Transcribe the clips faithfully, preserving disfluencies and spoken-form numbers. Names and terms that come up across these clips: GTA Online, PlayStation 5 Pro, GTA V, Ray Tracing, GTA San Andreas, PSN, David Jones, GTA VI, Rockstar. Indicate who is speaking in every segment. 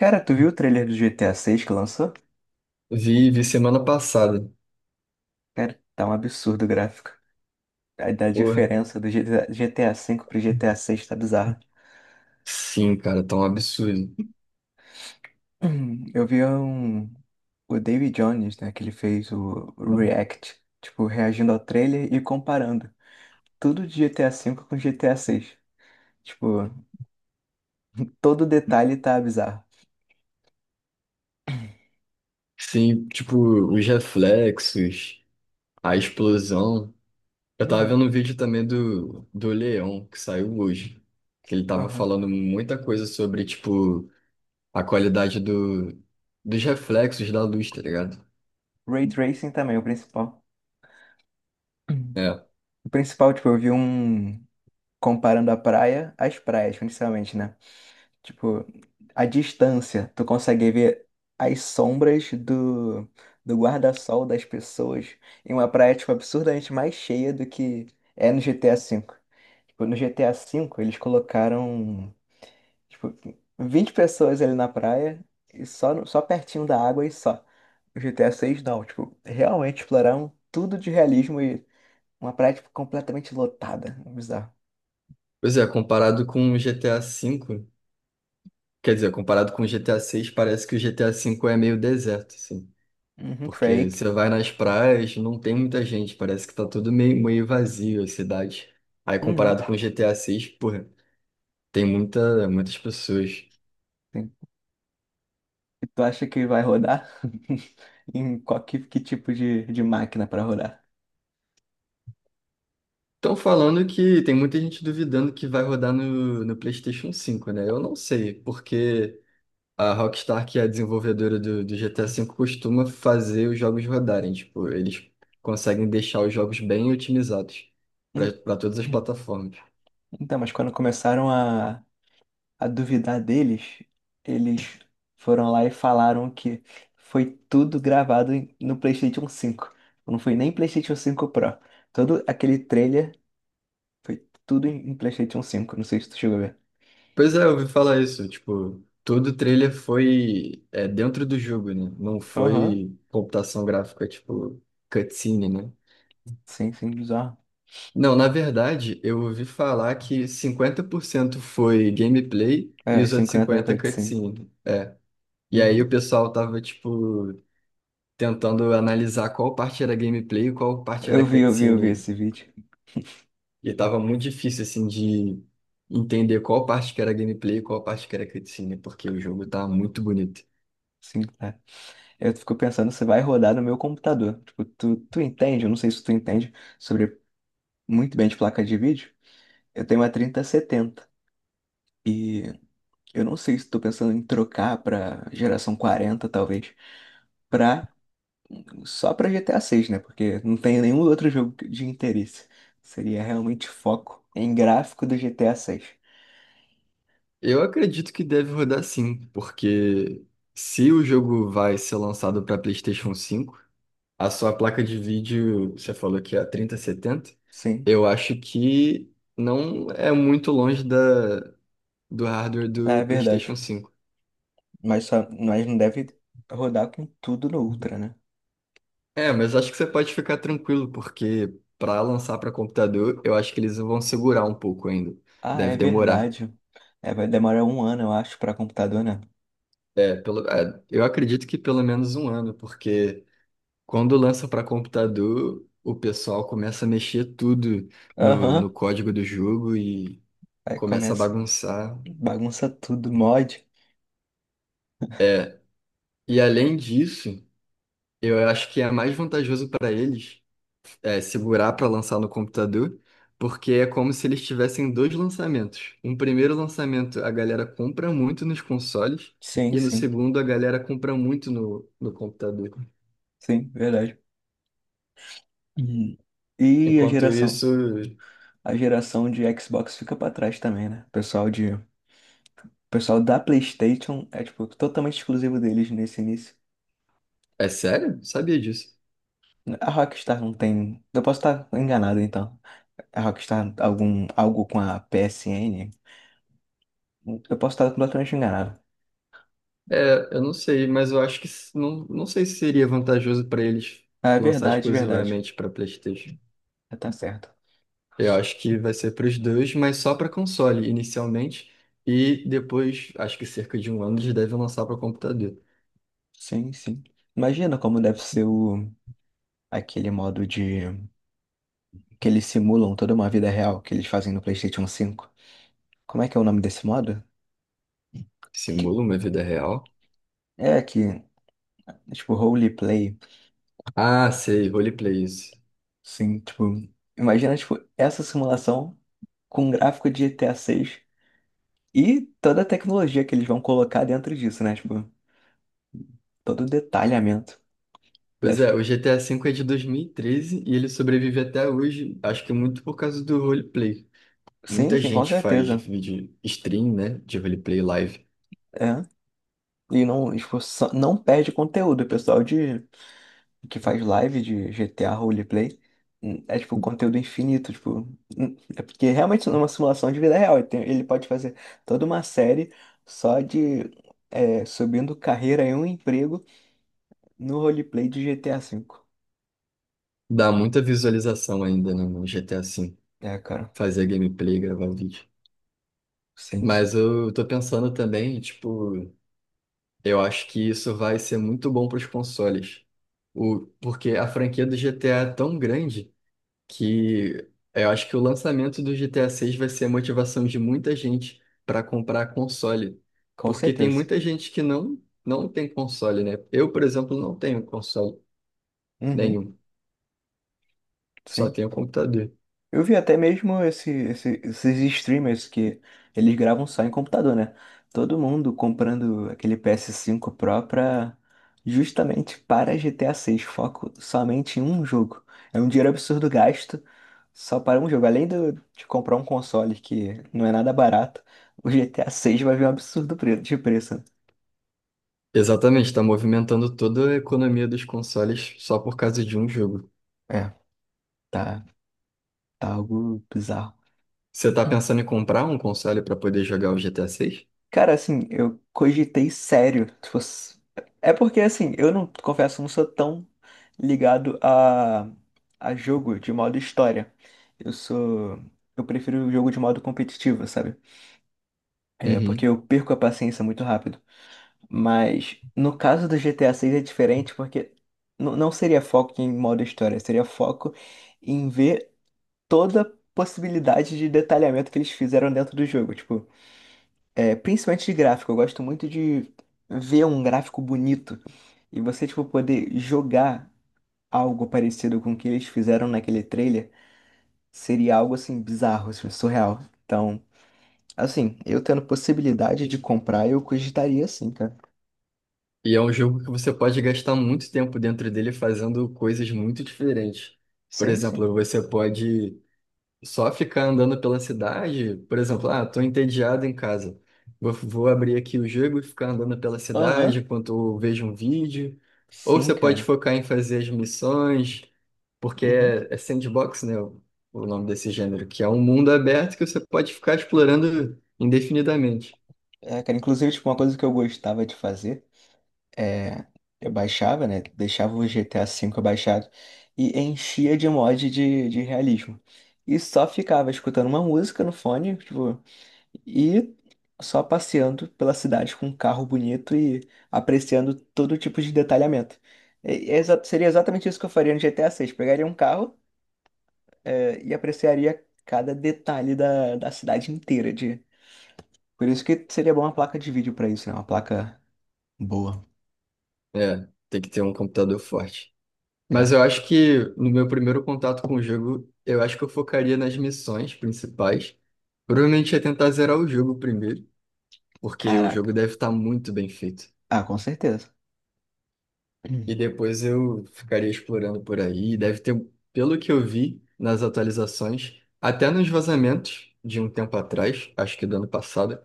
Speaker 1: Cara, tu viu o trailer do G T A six que lançou?
Speaker 2: Vi, vi semana passada.
Speaker 1: Cara, tá um absurdo o gráfico. A, da
Speaker 2: Porra,
Speaker 1: diferença do G T A V pro G T A seis tá bizarro.
Speaker 2: sim, cara, tá um absurdo.
Speaker 1: Hum, Eu vi um, o David Jones, né, que ele fez o React, tipo, reagindo ao trailer e comparando tudo de G T A V com G T A six. Tipo, todo detalhe tá bizarro.
Speaker 2: Sim, tipo, os reflexos, a explosão. Eu tava
Speaker 1: Uhum,
Speaker 2: vendo um vídeo também do, do Leão, que saiu hoje, que ele tava
Speaker 1: aham.
Speaker 2: falando muita coisa sobre, tipo, a qualidade do, dos reflexos da luz, tá ligado?
Speaker 1: Ray Tracing também, o principal. Uhum.
Speaker 2: É.
Speaker 1: O principal, tipo, eu vi um comparando a praia às praias, principalmente, né? Tipo, a distância, tu consegue ver as sombras do, do guarda-sol das pessoas em uma praia, tipo, absurdamente mais cheia do que é no G T A V. Tipo, no G T A V, eles colocaram, tipo, vinte pessoas ali na praia e só, no- só pertinho da água e só. No G T A seis não. Tipo, realmente exploraram tudo de realismo e uma praia, tipo, completamente lotada. Bizarro.
Speaker 2: Pois é, comparado com o G T A V, quer dizer, comparado com o G T A seis, parece que o G T A V é meio deserto, assim.
Speaker 1: Uhum,
Speaker 2: Porque você
Speaker 1: Drake.
Speaker 2: vai nas praias, não tem muita gente, parece que tá tudo meio, meio vazio a cidade. Aí
Speaker 1: Uhum.
Speaker 2: comparado com G T A seis, porra, tem muita, muitas pessoas.
Speaker 1: E tu acha que vai rodar? Em qual que, que tipo de, de máquina para rodar?
Speaker 2: Estão falando que tem muita gente duvidando que vai rodar no, no PlayStation cinco, né? Eu não sei, porque a Rockstar, que é a desenvolvedora do, do G T A V, costuma fazer os jogos rodarem. Tipo, eles conseguem deixar os jogos bem otimizados
Speaker 1: Hum,
Speaker 2: para todas as plataformas.
Speaker 1: Então, mas quando começaram a, a, duvidar deles, eles foram lá e falaram que foi tudo gravado em- no PlayStation cinco. Não foi nem PlayStation cinco Pro. Todo aquele trailer foi tudo em em PlayStation cinco. Não sei se tu chegou a ver.
Speaker 2: Pois é, eu ouvi falar isso. Tipo, todo o trailer foi, é, dentro do jogo, né? Não
Speaker 1: Aham,
Speaker 2: foi computação gráfica, tipo, cutscene, né?
Speaker 1: sim, sim, bizarro.
Speaker 2: Não, na verdade, eu ouvi falar que cinquenta por cento foi gameplay e
Speaker 1: É,
Speaker 2: os outros
Speaker 1: cinquenta da
Speaker 2: cinquenta por cento
Speaker 1: sim.
Speaker 2: cutscene. E aí o
Speaker 1: Uhum.
Speaker 2: pessoal tava, tipo, tentando analisar qual parte era gameplay e qual parte era
Speaker 1: Eu vi, eu vi, eu vi
Speaker 2: cutscene.
Speaker 1: esse vídeo.
Speaker 2: E tava muito difícil, assim, de entender qual parte que era gameplay e qual parte que era cutscene, porque o jogo tá muito bonito.
Speaker 1: Sim, tá. Eu fico pensando se vai rodar no meu computador. Tipo, tu, tu entende? Eu não sei se tu entende sobre muito bem de placa de vídeo. Eu tenho uma trinta e setenta. Eu não sei se tô pensando em trocar pra geração quarenta, talvez, pra, só pra G T A seis, né? Porque não tem nenhum outro jogo de interesse. Seria realmente foco em gráfico do G T A seis.
Speaker 2: Eu acredito que deve rodar, sim, porque se o jogo vai ser lançado para PlayStation cinco, a sua placa de vídeo, você falou que é a trinta setenta,
Speaker 1: Sim,
Speaker 2: eu acho que não é muito longe da, do hardware
Speaker 1: é
Speaker 2: do
Speaker 1: verdade.
Speaker 2: PlayStation cinco.
Speaker 1: Mas, só, mas não deve rodar com tudo no Ultra, né?
Speaker 2: É, mas acho que você pode ficar tranquilo, porque para lançar para computador, eu acho que eles vão segurar um pouco ainda.
Speaker 1: Ah, é
Speaker 2: Deve demorar.
Speaker 1: verdade. É, vai demorar um ano, eu acho, pra computador, né?
Speaker 2: É, pelo, é, eu acredito que pelo menos um ano. Porque. Quando lança para computador, o pessoal começa a mexer tudo no, no
Speaker 1: Aham,
Speaker 2: código do jogo e
Speaker 1: aí
Speaker 2: começa a
Speaker 1: começa,
Speaker 2: bagunçar.
Speaker 1: bagunça tudo, mod.
Speaker 2: E além disso, eu acho que é mais vantajoso para eles é, segurar para lançar no computador, porque é como se eles tivessem dois lançamentos. Um primeiro lançamento a galera compra muito nos consoles,
Speaker 1: Sim,
Speaker 2: e no
Speaker 1: sim,
Speaker 2: segundo a galera compra muito no, no computador.
Speaker 1: sim, verdade. Hum. E a
Speaker 2: Enquanto
Speaker 1: geração?
Speaker 2: isso.
Speaker 1: A geração de Xbox fica pra trás também, né? O pessoal de, o pessoal da PlayStation é tipo totalmente exclusivo deles nesse início.
Speaker 2: É sério? Sabia disso.
Speaker 1: A Rockstar não tem, eu posso estar enganado então. A Rockstar algum algo com a P S N, eu posso estar completamente enganado.
Speaker 2: É, eu não sei, mas eu acho que s- não, não sei se seria vantajoso para eles
Speaker 1: Ah, é
Speaker 2: lançar
Speaker 1: verdade, verdade.
Speaker 2: exclusivamente para PlayStation.
Speaker 1: Ah, tá certo.
Speaker 2: Eu acho que vai ser para os dois, mas só para console inicialmente e depois, acho que cerca de um ano eles devem lançar para computador.
Speaker 1: Sim, sim. Imagina como deve ser o aquele modo de que eles simulam toda uma vida real que eles fazem no PlayStation cinco. Como é que é o nome desse modo? Que-
Speaker 2: Simula uma vida real?
Speaker 1: é que tipo roleplay.
Speaker 2: Ah, sei, roleplay, isso.
Speaker 1: Sim, tipo, imagina, tipo, essa simulação com um gráfico de G T A seis e toda a tecnologia que eles vão colocar dentro disso, né? Tipo, todo o detalhamento.
Speaker 2: Pois
Speaker 1: Deve.
Speaker 2: é, o G T A V é de dois mil e treze e treze e ele sobrevive até hoje, acho que muito por causa do roleplay.
Speaker 1: Sim,
Speaker 2: Muita
Speaker 1: sim, com
Speaker 2: gente faz
Speaker 1: certeza.
Speaker 2: vídeo stream, né, de roleplay live.
Speaker 1: É. E não, tipo, só- não perde conteúdo. O pessoal de, que faz live de G T A roleplay hum, é, tipo, conteúdo infinito, tipo. hum, É porque realmente é uma simulação de vida real. Ele tem- ele pode fazer toda uma série só de, é, subindo carreira em um emprego no roleplay de G T A V.
Speaker 2: Dá muita visualização ainda, né, no G T A V,
Speaker 1: É, cara.
Speaker 2: fazer gameplay, gravar vídeo.
Speaker 1: Sim, sim.
Speaker 2: Mas eu tô pensando também, tipo, eu acho que isso vai ser muito bom para os consoles. O, porque a franquia do G T A é tão grande que eu acho que o lançamento do G T A seis vai ser a motivação de muita gente para comprar console.
Speaker 1: Com
Speaker 2: Porque tem
Speaker 1: certeza.
Speaker 2: muita gente que não, não tem console, né? Eu, por exemplo, não tenho console
Speaker 1: Uhum,
Speaker 2: nenhum, só
Speaker 1: sim.
Speaker 2: tenho computador.
Speaker 1: Eu vi até mesmo esse, esse- esses streamers que eles gravam só em computador, né? Todo mundo comprando aquele PS cinco Pro pra, justamente para G T A seis foco somente em um jogo. É um dinheiro absurdo gasto só para um jogo. Além do- de comprar um console que não é nada barato, o G T A seis vai vir um absurdo pre- de preço.
Speaker 2: Exatamente, está movimentando toda a economia dos consoles só por causa de um jogo.
Speaker 1: É, tá, tá algo bizarro.
Speaker 2: Você está pensando em comprar um console para poder jogar o G T A seis?
Speaker 1: Cara, assim, eu cogitei sério. Se fosse- É porque, assim, eu não, confesso, não sou tão ligado a, a, jogo de modo história. Eu sou. Eu prefiro o jogo de modo competitivo, sabe? É, porque
Speaker 2: Uhum.
Speaker 1: eu perco a paciência muito rápido. Mas no caso do G T A seis é diferente, porque n- não seria foco em modo história, seria foco em ver toda a possibilidade de detalhamento que eles fizeram dentro do jogo. Tipo, é, principalmente de gráfico, eu gosto muito de ver um gráfico bonito e você, tipo, poder jogar algo parecido com o que eles fizeram naquele trailer seria algo, assim, bizarro, assim, surreal. Então, assim, eu tendo possibilidade de comprar, eu cogitaria sim, cara.
Speaker 2: E é um jogo que você pode gastar muito tempo dentro dele fazendo coisas muito diferentes. Por
Speaker 1: Sim, sim.
Speaker 2: exemplo, você pode só ficar andando pela cidade, por exemplo, ah, tô entediado em casa. Vou, vou abrir aqui o jogo e ficar andando pela cidade
Speaker 1: Aham.
Speaker 2: enquanto eu vejo um vídeo. Ou você
Speaker 1: Sim,
Speaker 2: pode
Speaker 1: cara.
Speaker 2: focar em fazer as missões, porque
Speaker 1: Uhum.
Speaker 2: é, é sandbox, né? O, o nome desse gênero, que é um mundo aberto que você pode ficar explorando indefinidamente.
Speaker 1: É, cara, inclusive, tipo, uma coisa que eu gostava de fazer. é, eu baixava, né? Deixava o G T A V baixado e enchia de mod de, de realismo. E só ficava escutando uma música no fone, tipo, e só passeando pela cidade com um carro bonito e apreciando todo tipo de detalhamento. E- é exa- seria exatamente isso que eu faria no G T A seis. Pegaria um carro, é, e apreciaria cada detalhe da, da cidade inteira. De... Por isso que seria bom uma placa de vídeo pra isso, né? Uma placa boa.
Speaker 2: É, tem que ter um computador forte. Mas
Speaker 1: É.
Speaker 2: eu acho que, no meu primeiro contato com o jogo, eu acho que eu focaria nas missões principais. Provavelmente ia tentar zerar o jogo primeiro, porque o jogo
Speaker 1: Caraca.
Speaker 2: deve estar muito bem feito.
Speaker 1: Ah, com certeza.
Speaker 2: E depois eu ficaria explorando por aí. E deve ter, pelo que eu vi nas atualizações, até nos vazamentos de um tempo atrás, acho que do ano passado,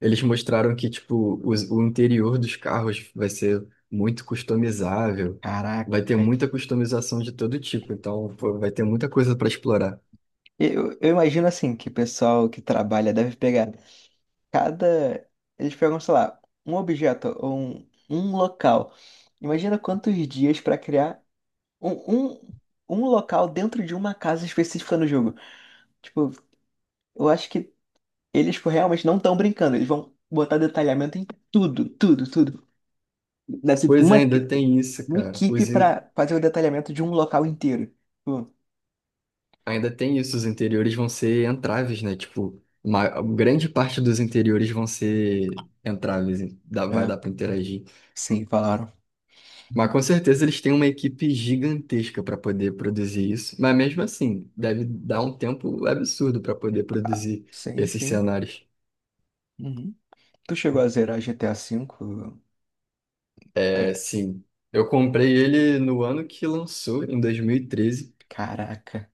Speaker 2: eles mostraram que tipo os- o interior dos carros vai ser muito customizável,
Speaker 1: Caraca.
Speaker 2: vai ter muita customização de todo tipo. Então, pô, vai ter muita coisa para explorar.
Speaker 1: Eu, eu imagino assim que o pessoal que trabalha deve pegar cada. Eles pegam, sei lá, um objeto ou um, um local. Imagina quantos dias pra criar um, um, um local dentro de uma casa específica no jogo. Tipo, eu acho que eles tipo, realmente não estão brincando. Eles vão botar detalhamento em tudo, tudo, tudo. Deve ser tipo,
Speaker 2: Pois é,
Speaker 1: uma,
Speaker 2: ainda tem isso,
Speaker 1: uma
Speaker 2: cara.
Speaker 1: equipe
Speaker 2: Os,
Speaker 1: pra fazer o detalhamento de um local inteiro. Tipo,
Speaker 2: Ainda tem isso, os interiores vão ser entraves, né? Tipo, uma grande parte dos interiores vão ser entraves, dá- vai
Speaker 1: é,
Speaker 2: dar para interagir.
Speaker 1: sim, falaram.
Speaker 2: Mas com certeza eles têm uma equipe gigantesca para poder produzir isso. Mas mesmo assim, deve dar um tempo absurdo para poder
Speaker 1: Ah,
Speaker 2: produzir
Speaker 1: sim,
Speaker 2: esses
Speaker 1: sim.
Speaker 2: cenários.
Speaker 1: Uhum. Tu chegou a zerar G T A V?
Speaker 2: É,
Speaker 1: É,
Speaker 2: sim. Eu comprei ele no ano que lançou, em dois mil e treze,
Speaker 1: caraca.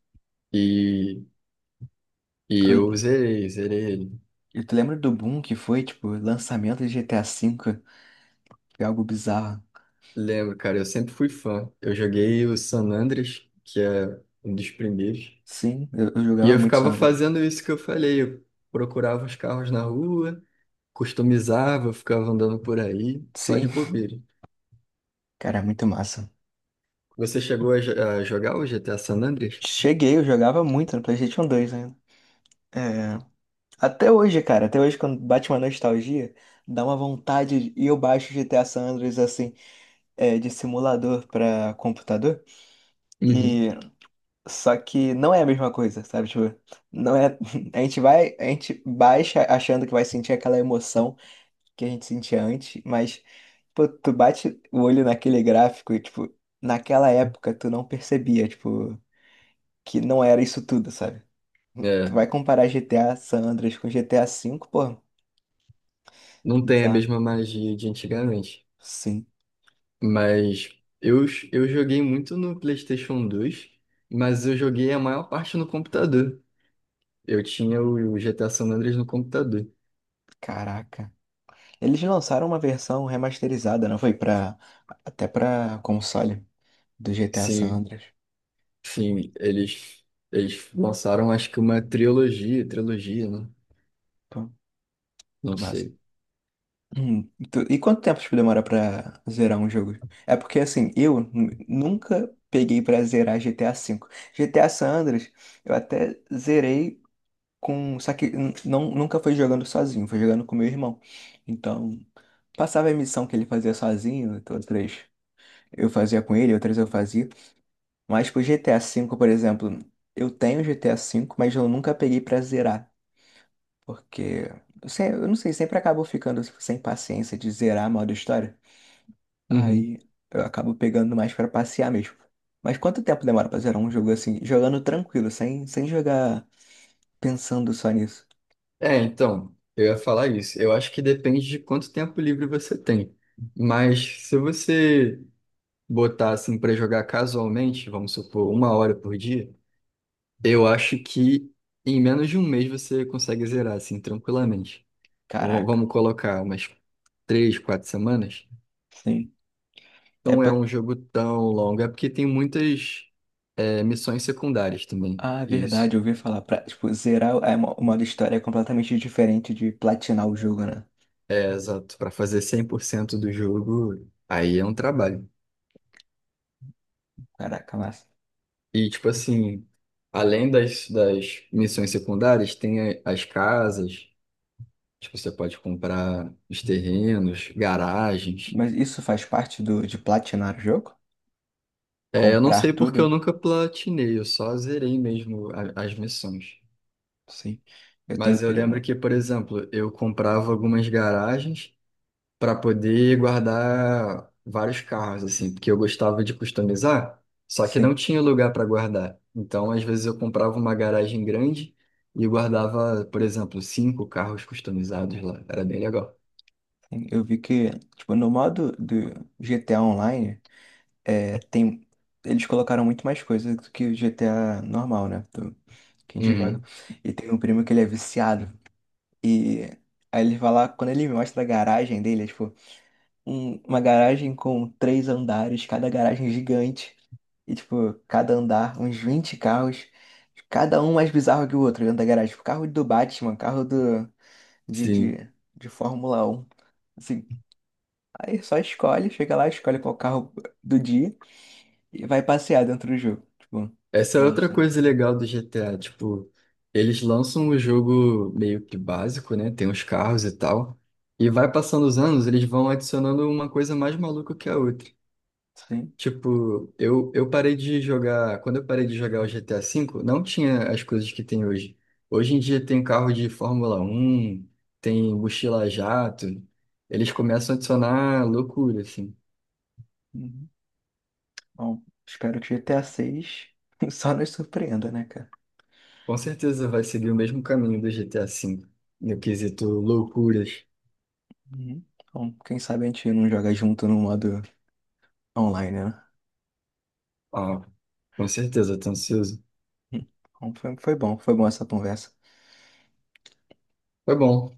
Speaker 2: e, treze, e e eu
Speaker 1: Tu,
Speaker 2: zerei, zerei. ele.
Speaker 1: e tu lembra do boom que foi, tipo, lançamento de G T A V? Foi algo bizarro.
Speaker 2: Lembro, cara, eu sempre fui fã. Eu joguei o San Andreas, que é um dos primeiros,
Speaker 1: Sim, eu, eu
Speaker 2: e
Speaker 1: jogava
Speaker 2: eu
Speaker 1: muito
Speaker 2: ficava
Speaker 1: Sandro.
Speaker 2: fazendo isso que eu falei. Eu procurava os carros na rua, customizava, ficava andando por aí, só de
Speaker 1: Sim,
Speaker 2: bobeira.
Speaker 1: cara, é muito massa.
Speaker 2: Você chegou a, jo- a jogar o G T A San Andreas?
Speaker 1: Cheguei, eu jogava muito no PlayStation dois ainda. É, até hoje, cara, até hoje quando bate uma nostalgia, dá uma vontade e eu baixo G T A San Andreas assim, é, de simulador pra computador.
Speaker 2: Uhum.
Speaker 1: Só que não é a mesma coisa, sabe? Tipo, não é. A gente vai, a gente baixa achando que vai sentir aquela emoção que a gente sentia antes, mas, pô, tu bate o olho naquele gráfico e, tipo, naquela época tu não percebia, tipo, que não era isso tudo, sabe? Tu
Speaker 2: É,
Speaker 1: vai comparar G T A San Andreas com G T A V, pô,
Speaker 2: não tem a
Speaker 1: bizarro.
Speaker 2: mesma magia de antigamente,
Speaker 1: Sim.
Speaker 2: mas eu, eu joguei muito no PlayStation dois, mas eu joguei a maior parte no computador. Eu tinha o o G T A San Andreas no computador.
Speaker 1: Caraca. Eles lançaram uma versão remasterizada, não foi? Pra, até pra console do G T A San
Speaker 2: Sim,
Speaker 1: Andreas.
Speaker 2: sim, eles, eles lançaram, acho que, uma trilogia, trilogia, né?
Speaker 1: Pô,
Speaker 2: Não
Speaker 1: massa.
Speaker 2: sei.
Speaker 1: Hum, tu- E quanto tempo tipo, demora pra zerar um jogo? É porque assim, eu nu- nunca peguei pra zerar G T A V. G T A San Andreas, eu até zerei com. Só que n- não, nunca foi jogando sozinho, foi jogando com meu irmão. Então, passava a missão que ele fazia sozinho, outras eu fazia com ele, outras eu fazia. Mas pro G T A V, por exemplo, eu tenho G T A V, mas eu nunca peguei pra zerar. Porque eu, sei- eu não sei, sempre acabo ficando sem paciência de zerar a modo história.
Speaker 2: Uhum.
Speaker 1: Aí eu acabo pegando mais pra passear mesmo. Mas quanto tempo demora pra zerar um jogo assim, jogando tranquilo, sem, sem jogar pensando só nisso?
Speaker 2: É, então, eu ia falar isso. Eu acho que depende de quanto tempo livre você tem. Mas se você botar assim para jogar casualmente, vamos supor, uma hora por dia, eu acho que em menos de um mês você consegue zerar assim tranquilamente. Ou
Speaker 1: Caraca,
Speaker 2: vamos colocar umas três, quatro semanas.
Speaker 1: sim. É
Speaker 2: Não é
Speaker 1: pra.
Speaker 2: um jogo tão longo, é porque tem muitas, é, missões secundárias também.
Speaker 1: Ah, é verdade,
Speaker 2: Isso.
Speaker 1: eu ouvi falar. Pra, tipo, zerar é uma, uma, história é completamente diferente de platinar o jogo, né?
Speaker 2: É, exato. Pra fazer cem por cento do jogo, aí é um trabalho.
Speaker 1: Caraca, massa.
Speaker 2: E, tipo assim, além das, das missões secundárias, tem a- as casas, tipo, você pode comprar os terrenos, garagens.
Speaker 1: Mas isso faz parte do, de platinar o jogo?
Speaker 2: É, eu não sei
Speaker 1: Comprar
Speaker 2: porque
Speaker 1: tudo?
Speaker 2: eu nunca platinei, eu só zerei mesmo a- as missões.
Speaker 1: Sim. Eu
Speaker 2: Mas
Speaker 1: tenho
Speaker 2: eu lembro
Speaker 1: primo.
Speaker 2: que, por exemplo, eu comprava algumas garagens para poder guardar vários carros, assim, porque eu gostava de customizar, só que não
Speaker 1: Sim.
Speaker 2: tinha lugar para guardar. Então, às vezes, eu comprava uma garagem grande e guardava, por exemplo, cinco carros customizados lá. Era bem legal.
Speaker 1: Sim. Eu vi que, tipo, no modo do G T A Online, é, tem, eles colocaram muito mais coisa do que o G T A normal, né? do- que a gente joga.
Speaker 2: Uhum,
Speaker 1: E tem um primo que ele é viciado. E aí ele vai lá, quando ele me mostra a garagem dele, é tipo, um- uma garagem com três andares, cada garagem gigante. E tipo, cada andar, uns vinte carros, cada um mais bizarro que o outro dentro da garagem. Tipo, carro do Batman, carro do, de,
Speaker 2: sim.
Speaker 1: de, de Fórmula um. Assim, aí só escolhe, chega lá, escolhe qual carro do dia. E vai passear dentro do jogo. Tipo,
Speaker 2: Essa é outra
Speaker 1: mostra.
Speaker 2: coisa legal do G T A, tipo, eles lançam o jogo meio que básico, né? Tem os carros e tal. E vai passando os anos, eles vão adicionando uma coisa mais maluca que a outra.
Speaker 1: Sim.
Speaker 2: Tipo, eu, eu parei de jogar. Quando eu parei de jogar o G T A V, não tinha as coisas que tem hoje. Hoje em dia tem carro de Fórmula um, tem mochila jato. Eles começam a adicionar loucura, assim.
Speaker 1: Uhum. Bom, espero que G T A seis só nos surpreenda, né, cara?
Speaker 2: Com certeza vai seguir o mesmo caminho do G T A V, no quesito loucuras.
Speaker 1: Uhum. Bom, quem sabe a gente não joga junto no modo online, né?
Speaker 2: Ah, com certeza, tô ansioso.
Speaker 1: Uhum. Bom, foi, foi bom, foi bom essa conversa.
Speaker 2: Foi bom.